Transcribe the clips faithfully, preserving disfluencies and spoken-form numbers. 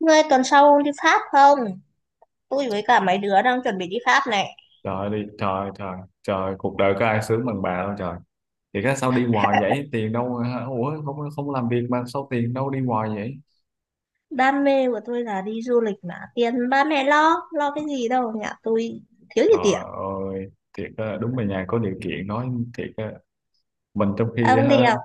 Ngươi tuần sau đi Pháp không? Tôi với cả mấy đứa đang chuẩn bị đi Pháp này. Trời đi trời trời trời cuộc đời có ai sướng bằng bà đâu trời. Thì cái sao đi hoài vậy, tiền đâu hả? Ủa, không, không làm việc mà sao tiền đâu đi hoài vậy? Đam mê của tôi là đi du lịch mà. Tiền ba mẹ lo, lo cái gì đâu. Nhà tôi thiếu gì tiền. Trời ơi, thiệt á, đúng là nhà có điều kiện nói thiệt á, mình trong khi Ông đi ha học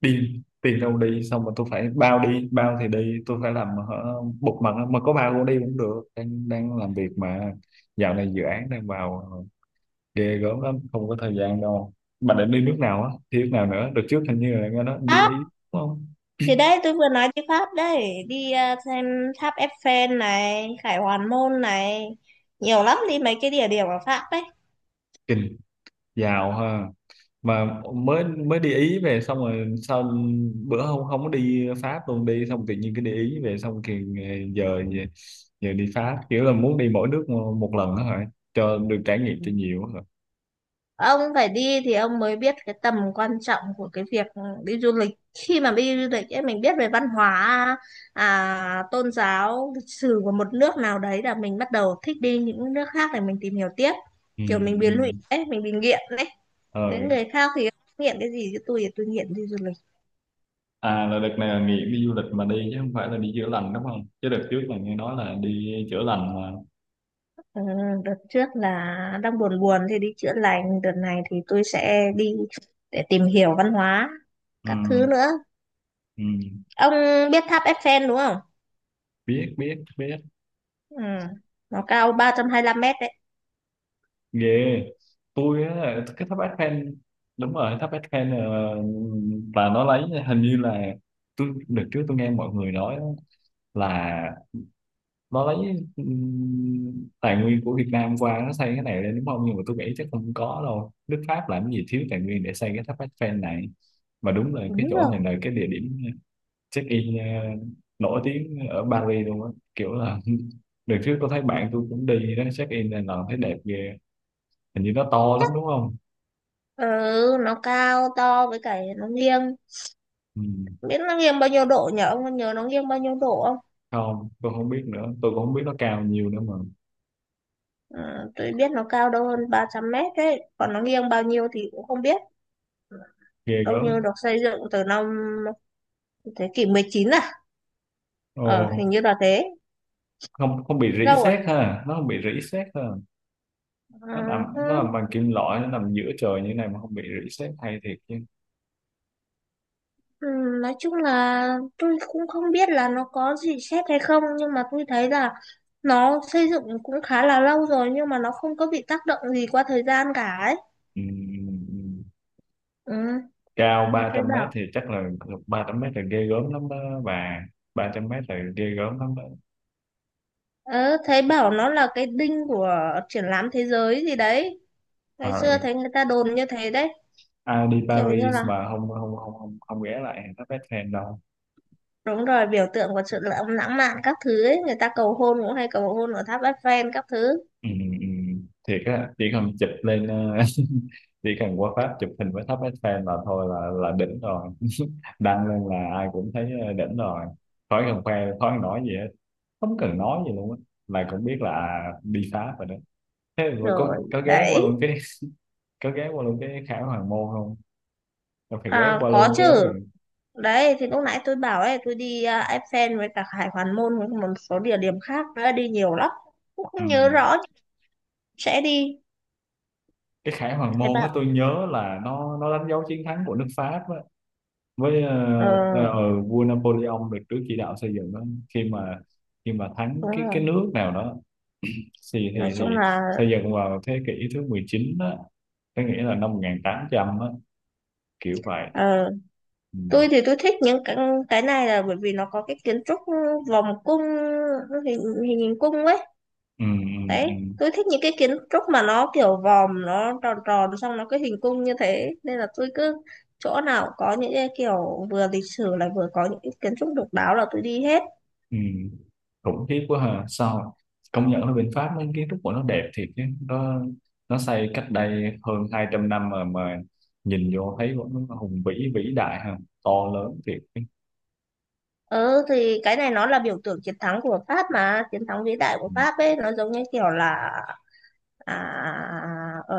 đi tiền đâu đi xong mà tôi phải bao đi, bao thì đi, tôi phải làm hả, bục mặt, mà có bao cũng đi cũng được, đang đang làm việc mà. Dạo này dự án đang vào ờ, ghê gớm lắm, không có thời gian đâu. Mà định đi nước nào á, đi nước nào nữa, được trước hình như là nghe nói đi Pháp. Ý đúng không? Thì đấy, tôi vừa nói đi Pháp đấy. Đi à, xem tháp Eiffel này, Khải Hoàn Môn này. Nhiều lắm đi mấy cái địa điểm ở Pháp đấy. Kinh, giàu ha. Mà mới mới đi Ý về xong rồi sao bữa không, không có đi Pháp luôn đi, xong tự nhiên cái đi Ý về xong thì giờ giờ giờ đi Pháp, kiểu là muốn đi mỗi nước một lần đó hả, cho được trải nghiệm cho nhiều á hả? Ông phải đi thì ông mới biết cái tầm quan trọng của cái việc đi du lịch. Khi mà đi du lịch ấy, mình biết về văn hóa, à, tôn giáo, lịch sử của một nước nào đấy, là mình bắt đầu thích đi những nước khác để mình tìm hiểu tiếp. Ừ, Kiểu mình bị lụy ừ. ấy, mình bị nghiện đấy. Ờ. Với người khác thì nghiện cái gì chứ, tôi thì tôi nghiện đi du lịch. À, là đợt này là nghỉ đi du lịch mà đi chứ không phải là đi chữa lành đúng không, chứ đợt trước là nghe nói là đi chữa lành mà. Ừ, đợt trước là đang buồn buồn thì đi chữa lành, đợt này thì tôi sẽ đi để tìm hiểu văn hóa Ừ, các thứ nữa. ừ. Ông biết tháp Eiffel đúng không? Biết, biết, biết. Ừ. Nó cao ba trăm hai lăm mét đấy. Ghê. Tôi á, cái tháp bát khen, đúng rồi, tháp bát khen ờ, là nó lấy hình như là, tôi được trước tôi nghe mọi người nói á, là nó lấy ừm, tài nguyên của Việt Nam qua nó xây cái này lên đúng không, nhưng mà tôi nghĩ chắc không có đâu, nước Pháp làm gì thiếu tài nguyên để xây cái tháp Eiffel này. Mà đúng là cái Đúng chỗ rồi. này là cái địa điểm check in ờ, nổi tiếng ở Paris luôn á, kiểu là đợt trước tôi thấy bạn tôi cũng đi đó check in là thấy đẹp ghê. Hình như nó to lắm đúng không? Ừ, nó cao to với cả nó nghiêng. Ừ. Biết nó nghiêng bao nhiêu độ nhỉ? Ông có nhớ nó nghiêng bao nhiêu độ không? Không, tôi không biết nữa. Tôi cũng không biết nó cao nhiều nữa mà. Ừ, tôi biết nó cao đâu hơn ba trăm mét đấy. Còn nó nghiêng bao nhiêu thì cũng không biết. Ghê Đâu gớm. như được xây dựng từ năm thế kỷ mười chín à? Ồ, Ờ, hình như là thế. không, không bị rỉ Lâu à? sét ha. Nó không bị rỉ sét ha. Nó nằm, nó nằm Ừ. bằng kim loại, nó nằm giữa trời như này mà không bị rỉ sét hay, thiệt chứ. Ừ, nói chung là tôi cũng không biết là nó có gì xét hay không, nhưng mà tôi thấy là nó xây dựng cũng khá là lâu rồi nhưng mà nó không có bị tác động gì qua thời gian cả ấy. Ừ, ừ, ừ. Ừ, Cao thấy ba trăm mét bảo. thì chắc là ba trăm mét là ghê gớm lắm đó bà. Ba trăm mét là ghê gớm lắm đó. Ờ, thấy bảo nó là cái đinh của triển lãm thế giới gì đấy. Ờ. Ngày xưa thấy người ta đồn như thế đấy. Ai đi Kiểu như Paris là mà không không không không, không ghé lại tháp Eiffel đâu. đúng rồi, biểu tượng của sự lãng lãng mạn các thứ ấy. Người ta cầu hôn cũng hay cầu hôn ở tháp Eiffel các thứ. Ừ, ừ, ừ. Thiệt á, chỉ cần chụp lên ờ, chỉ cần qua Pháp chụp hình với tháp Eiffel là thôi, là là đỉnh rồi, đăng lên là ai cũng thấy ờ, đỉnh rồi, khỏi cần khoe, khỏi cần nói gì hết, không cần nói gì luôn á, là cũng biết là đi Pháp rồi đó. Thế rồi có Rồi, có ghé qua đấy. luôn cái có ghé qua luôn cái Khải Hoàng Môn không? Là phải ghé À, qua có luôn chứ. chứ. Đấy thì lúc nãy tôi bảo ấy, tôi đi à, Eiffel với cả Hải Hoàn Môn với một số địa điểm khác nữa, đi nhiều lắm cũng Ừ. không nhớ rõ sẽ đi. Cái Khải Hoàng Thế Môn á, bạn. tôi nhớ là nó nó đánh dấu chiến thắng của nước Pháp với Ờ, uh, uh, vua Napoleon được Đức chỉ đạo xây dựng đó, khi mà khi mà thắng đúng cái rồi, cái nước nào đó thì nói thì chung thì là, xây dựng vào thế kỷ thứ mười chín đó, có nghĩa là năm một nghìn tám trăm á, kiểu vậy. ờ, Ừ. tôi thì tôi thích những cái cái này là bởi vì nó có cái kiến trúc vòng cung, hình hình, hình cung ấy. Ừ, ừ, Đấy, ừ, tôi thích những cái kiến trúc mà nó kiểu vòm, nó tròn tròn xong nó cái hình cung như thế, nên là tôi cứ chỗ nào có những cái kiểu vừa lịch sử lại vừa có những cái kiến trúc độc đáo là tôi đi hết. ừ. Khủng khiếp quá ha, sao công nhận là bên Pháp mấy kiến trúc của nó đẹp thiệt chứ, nó nó xây cách đây hơn hai trăm năm mà mà nhìn vô thấy nó hùng vĩ, vĩ đại ha, to lớn thiệt chứ. Ừ thì cái này nó là biểu tượng chiến thắng của Pháp mà, chiến thắng vĩ đại của Ừ. Pháp ấy, nó giống như kiểu là à, ở,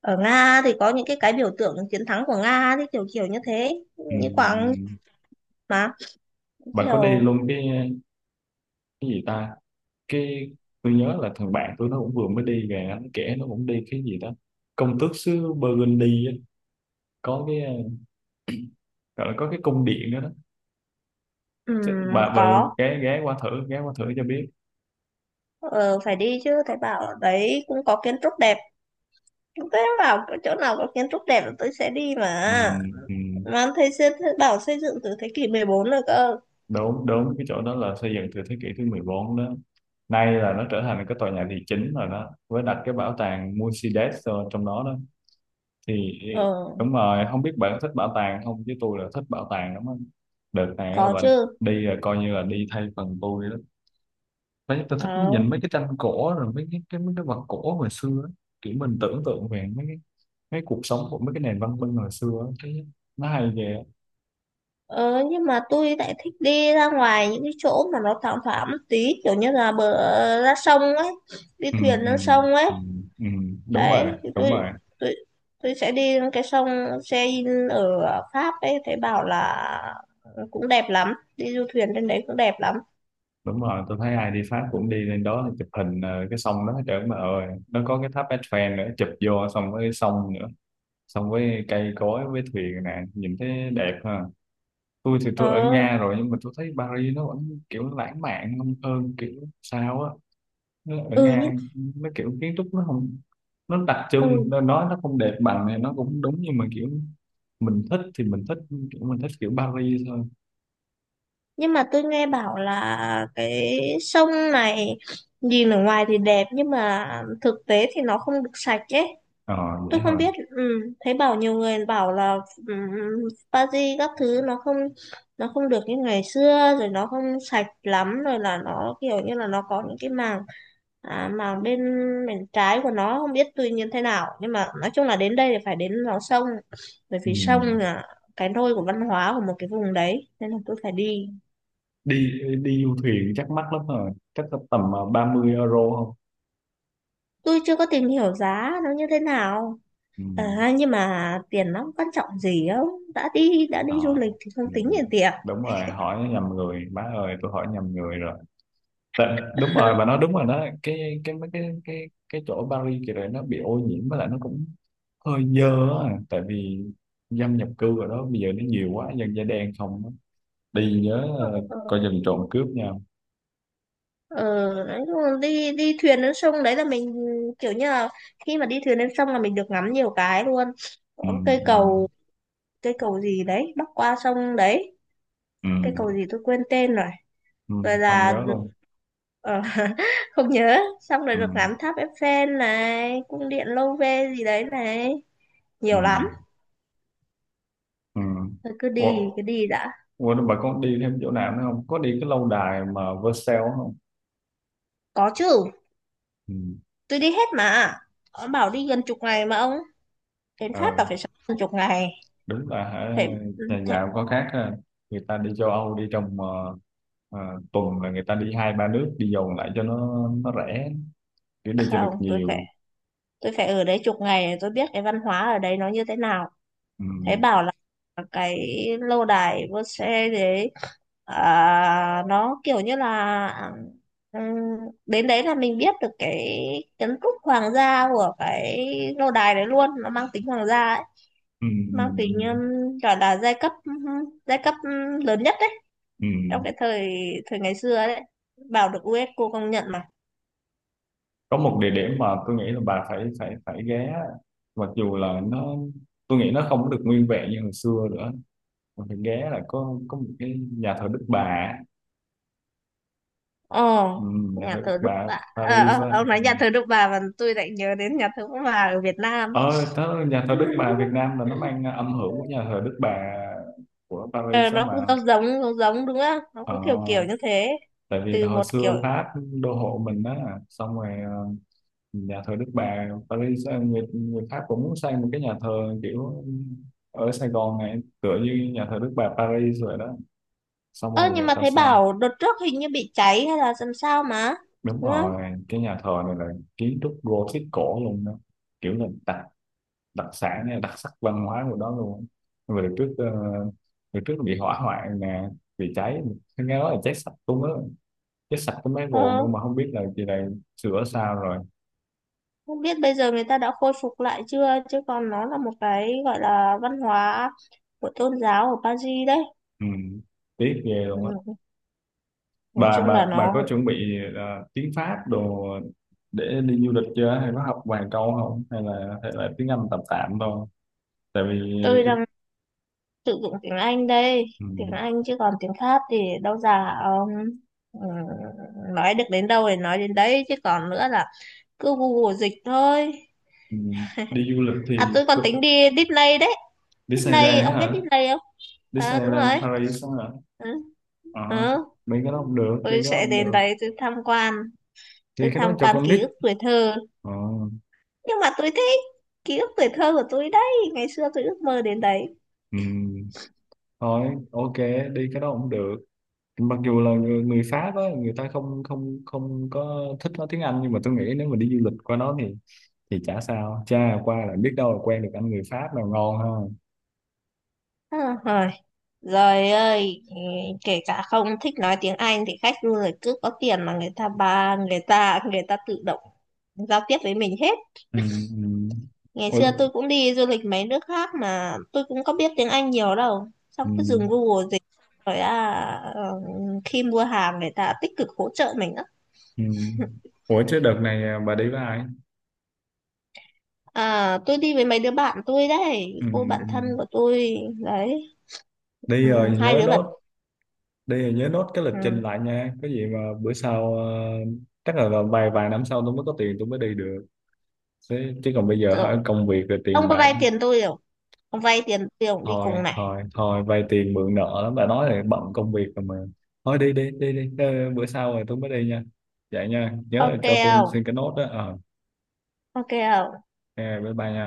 ở Nga thì có những cái cái biểu tượng chiến thắng của Nga thì kiểu kiểu như thế, Ừ. như quảng Ừ. mà Bạn có đi kiểu luôn cái cái gì ta, cái tôi nhớ là thằng bạn tôi nó cũng vừa mới đi về, nó kể nó cũng đi cái gì đó, công tước xứ Burgundy á. Có cái ờ, gọi là có cái cung điện đó đó. Chứ ừm, bà bà có. ghé ghé qua thử ghé qua thử cho biết. ờ, Phải đi chứ, thầy bảo ở đấy cũng có kiến trúc đẹp. Thế bảo chỗ nào có kiến trúc đẹp là tôi sẽ đi Ừ, mà. ừ. Mà thầy, xây- thầy bảo xây dựng từ thế kỷ mười bốn rồi cơ. Đúng, đúng, cái chỗ đó là xây dựng từ thế kỷ thứ mười bốn đó. Nay là nó trở thành cái tòa nhà thị chính rồi đó, với đặt cái bảo tàng Mercedes ờ, trong đó đó thì Ờ, đúng rồi. Không biết bạn thích bảo tàng không chứ tôi là thích bảo tàng lắm á. Đợt này là có bạn chứ. đi là coi như là đi thay phần tôi đó. Đấy, tôi thích Ờ. nhìn mấy cái tranh cổ rồi mấy cái, cái mấy cái vật cổ hồi xưa á, kiểu mình tưởng tượng về mấy cái mấy cuộc sống của mấy cái nền văn minh hồi xưa á. Thấy nó hay ghê á. Ờ, nhưng mà tôi lại thích đi ra ngoài những cái chỗ mà nó thoáng thoáng một tí, kiểu như là bờ ra sông ấy, đi Ừ, thuyền ừ, lên sông ấy. ừ, ừ. Đúng rồi, Đấy thì đúng tôi rồi. tôi tôi sẽ đi lên cái sông Seine ở Pháp ấy, thấy bảo là cũng đẹp lắm, đi du thuyền trên đấy cũng đẹp lắm. Đúng rồi, tôi thấy ai đi Pháp cũng đi lên đó chụp hình ờ, cái sông đó, trời ơi mà ơi, nó có cái tháp Eiffel nữa chụp vô, xong cái sông nữa, xong với cây cối với thuyền nè, nhìn thấy đẹp ha. Tôi thì ờ tôi ở Nga rồi, nhưng mà tôi thấy Paris nó vẫn kiểu lãng mạn hơn, hơn kiểu sao á. Nó ở ừ nhưng Nga nó kiểu kiến trúc nó không, nó đặc trưng ừ nó nói nó không đẹp bằng này nó cũng đúng, nhưng mà kiểu mình thích thì mình thích, kiểu mình thích kiểu Paris thôi. nhưng mà tôi nghe bảo là cái sông này nhìn ở ngoài thì đẹp, nhưng mà thực tế thì nó không được sạch ấy. Ờ, vậy Tôi không hả. biết. Ừ, thấy bảo nhiều người bảo là, ừ, Paris các thứ nó không nó không được như ngày xưa rồi, nó không sạch lắm rồi, là nó kiểu như là nó có những cái màng, à, màng bên bên trái của nó không biết tuy nhiên thế nào. Nhưng mà nói chung là đến đây thì phải đến vào sông, bởi Ừ. vì sông là cái nôi của văn hóa của một cái vùng đấy, nên là tôi phải đi. đi đi du thuyền chắc mắc lắm rồi, chắc là tầm ờ, ba mươi euro không? Tôi chưa có tìm hiểu giá nó như thế nào. Ừ. À, nhưng mà tiền nó quan trọng gì không, đã đi đã đi du Ờ. lịch thì Ừ. không tính tiền tiền Đúng rồi, hỏi nhầm người, má ơi tôi hỏi nhầm người rồi. Tại, đúng rồi bà nói đúng rồi đó, cái cái mấy cái cái cái chỗ ở Paris kìa này, nó bị ô nhiễm với lại nó cũng hơi dơ á, tại vì dân nhập cư ở đó bây giờ nó nhiều quá, dân da đen không á. Đi nhớ ờ, coi chừng trộm cướp nha. Ờ đấy, đúng rồi. Đi đi thuyền lên sông đấy là mình kiểu như là, khi mà đi thuyền lên sông là mình được ngắm nhiều cái luôn. Ừ, Có cây ừ, cầu, cây cầu gì đấy bắc qua sông đấy, ừ, cây cầu gì tôi quên tên rồi. ừ, Rồi không là nhớ luôn. ờ, không nhớ, xong rồi Ừ, được ngắm tháp Eiffel này, cung điện Louvre gì đấy này, ừ, nhiều lắm. ừ. Thôi cứ Ủa, đi cứ đi đã. ủa bà có đi thêm chỗ nào nữa không, có đi cái lâu đài mà Versailles không? Có chứ, Ừ. tôi đi hết mà. Ông bảo đi gần chục ngày mà, ông đến Pháp Ờ. là phải sống gần chục ngày. Đúng là hả, thế, nhà thế giàu có khác ha. Người ta đi châu Âu đi trong ờ, ờ, tuần là người ta đi hai ba nước, đi vòng lại cho nó nó rẻ, để đi cho Không, được tôi phải nhiều. tôi phải ở đấy chục ngày để tôi biết cái văn hóa ở đấy nó như thế nào. Ừ. Thấy bảo là cái lâu đài vua xe đấy, à, nó kiểu như là ừm, đến đấy là mình biết được cái kiến trúc hoàng gia của cái lâu đài đấy luôn, nó mang tính hoàng gia ấy, Ừ. Ừ. mang tính ừm, Ừ. gọi là giai cấp giai cấp ừm, lớn nhất đấy, Ừ. trong cái thời thời ngày xưa đấy. Bảo được u ét cô công nhận mà. Có một địa điểm mà tôi nghĩ là bà phải phải phải ghé, mặc dù là nó, tôi nghĩ nó không có được nguyên vẹn như hồi xưa nữa, mà phải ghé là có có một cái nhà thờ Đức Bà. Ồ, Ừ. Nhà nhà thờ Đức thờ Đức Bà Bà. Ờ, Paris á. ờ, ông nói nhà thờ Đức Bà mà tôi lại nhớ đến nhà thờ Đức Bà ở Việt Nam. Ờ tớ, nhà thờ Đức Bà Việt Nam là nó mang âm hưởng của nhà thờ Đức Bà của Ờ, Paris đó nó mà. cũng giống giống giống giống đúng không? Nó Ờ, cũng kiểu kiểu như thế. tại vì Từ hồi một kiểu. xưa Pháp đô hộ mình đó, xong rồi ờ, nhà thờ Đức Bà Paris ờ, người, người Pháp cũng muốn xây một cái nhà thờ kiểu ở Sài Gòn này tựa như nhà thờ Đức Bà Paris rồi đó, xong Ơ rồi nhưng người mà ta thấy xây bảo đợt trước hình như bị cháy hay là làm sao mà, đúng đúng không? rồi. Cái nhà thờ này là kiến trúc Gothic cổ luôn đó, kiểu là tạc đặc sản hay đặc sắc văn hóa của đó luôn. Về trước ờ, về trước bị hỏa hoạn nè, bị cháy, nghe nói là cháy sạch cũng á, cháy sạch cái máy Ờ, bồn luôn, mà không biết là chị này sửa sao rồi. không biết bây giờ người ta đã khôi phục lại chưa, chứ còn nó là một cái gọi là văn hóa của tôn giáo ở Paris đấy. Ừ. Tiếc ghê luôn á. Ừ, nói bà chung là bà bà nó, có chuẩn bị ờ, tiếng Pháp đồ để đi du lịch chưa, hay có học vài câu không, hay là hay là tiếng Anh tạm tạm thôi, tại vì tôi cái- đang sử dụng tiếng Anh đây. ừ. Tiếng Anh chứ còn tiếng khác thì đâu già ông. Ừ, nói được đến đâu thì nói đến đấy, chứ còn nữa là cứ Google dịch thôi. Ừ. Đi du lịch à thì Tôi còn tính tu- đi Disney đấy. Disney, Disneyland đó ông biết hả? Disney không? À đúng rồi. Disneyland Paris đó hả? Ừ, Ờ, ừ. mấy cái đó không được, đi cái Tôi đó sẽ không đến được, đấy tôi tham quan, tôi đi cái đó tham cho quan con ký nít. ức tuổi thơ. Ờ, Nhưng mà tôi thích, ký ức tuổi thơ của tôi đấy, ngày xưa tôi ước mơ đến đấy. ừ. Thôi ok, đi cái đó không được. Mặc dù là người, người Pháp á, người ta không không không có thích nói tiếng Anh, nhưng mà tôi nghĩ nếu mà đi du lịch qua đó thì thì chả sao, cha qua là biết đâu là quen được anh người Pháp nào ngon ha. à, Rồi ơi, ừ, kể cả không thích nói tiếng Anh thì khách du lịch cứ có tiền mà, người ta ba người ta người ta tự động giao tiếp với mình hết. Ừ, ừ. Ngày Ủa, xưa tôi cũng đi du lịch mấy nước khác mà tôi cũng có biết tiếng Anh nhiều đâu. Xong ừ, cứ dùng Google dịch rồi. à, ờ, Khi mua hàng người ta tích cực hỗ trợ mình á. ừ. Ủa chứ đợt này à, bà đi với ai? À, tôi đi với mấy đứa bạn tôi đấy, Ừ, cô bạn thân ừ. của tôi đấy, Đi ừ, rồi hai nhớ đứa bạn. nốt, đi thì nhớ nốt cái lịch trình Ừ, lại nha, có gì mà bữa sau ờ, chắc là vào vài vài năm sau tôi mới có tiền tôi mới đi được, chứ, chứ còn bây giờ hả, rồi công việc rồi ông tiền có bạc vay nữa. tiền tôi không? Ông vay tiền tôi không đi Thôi cùng này. thôi thôi vay tiền mượn nợ lắm, bà nói là bận công việc rồi mà, thôi đi đi đi đi ờ, bữa sau rồi tôi mới đi nha, vậy nha, nhớ là Ok cho tôi không? xin cái nốt đó ờ. Ok không? Ok, bye bye nha.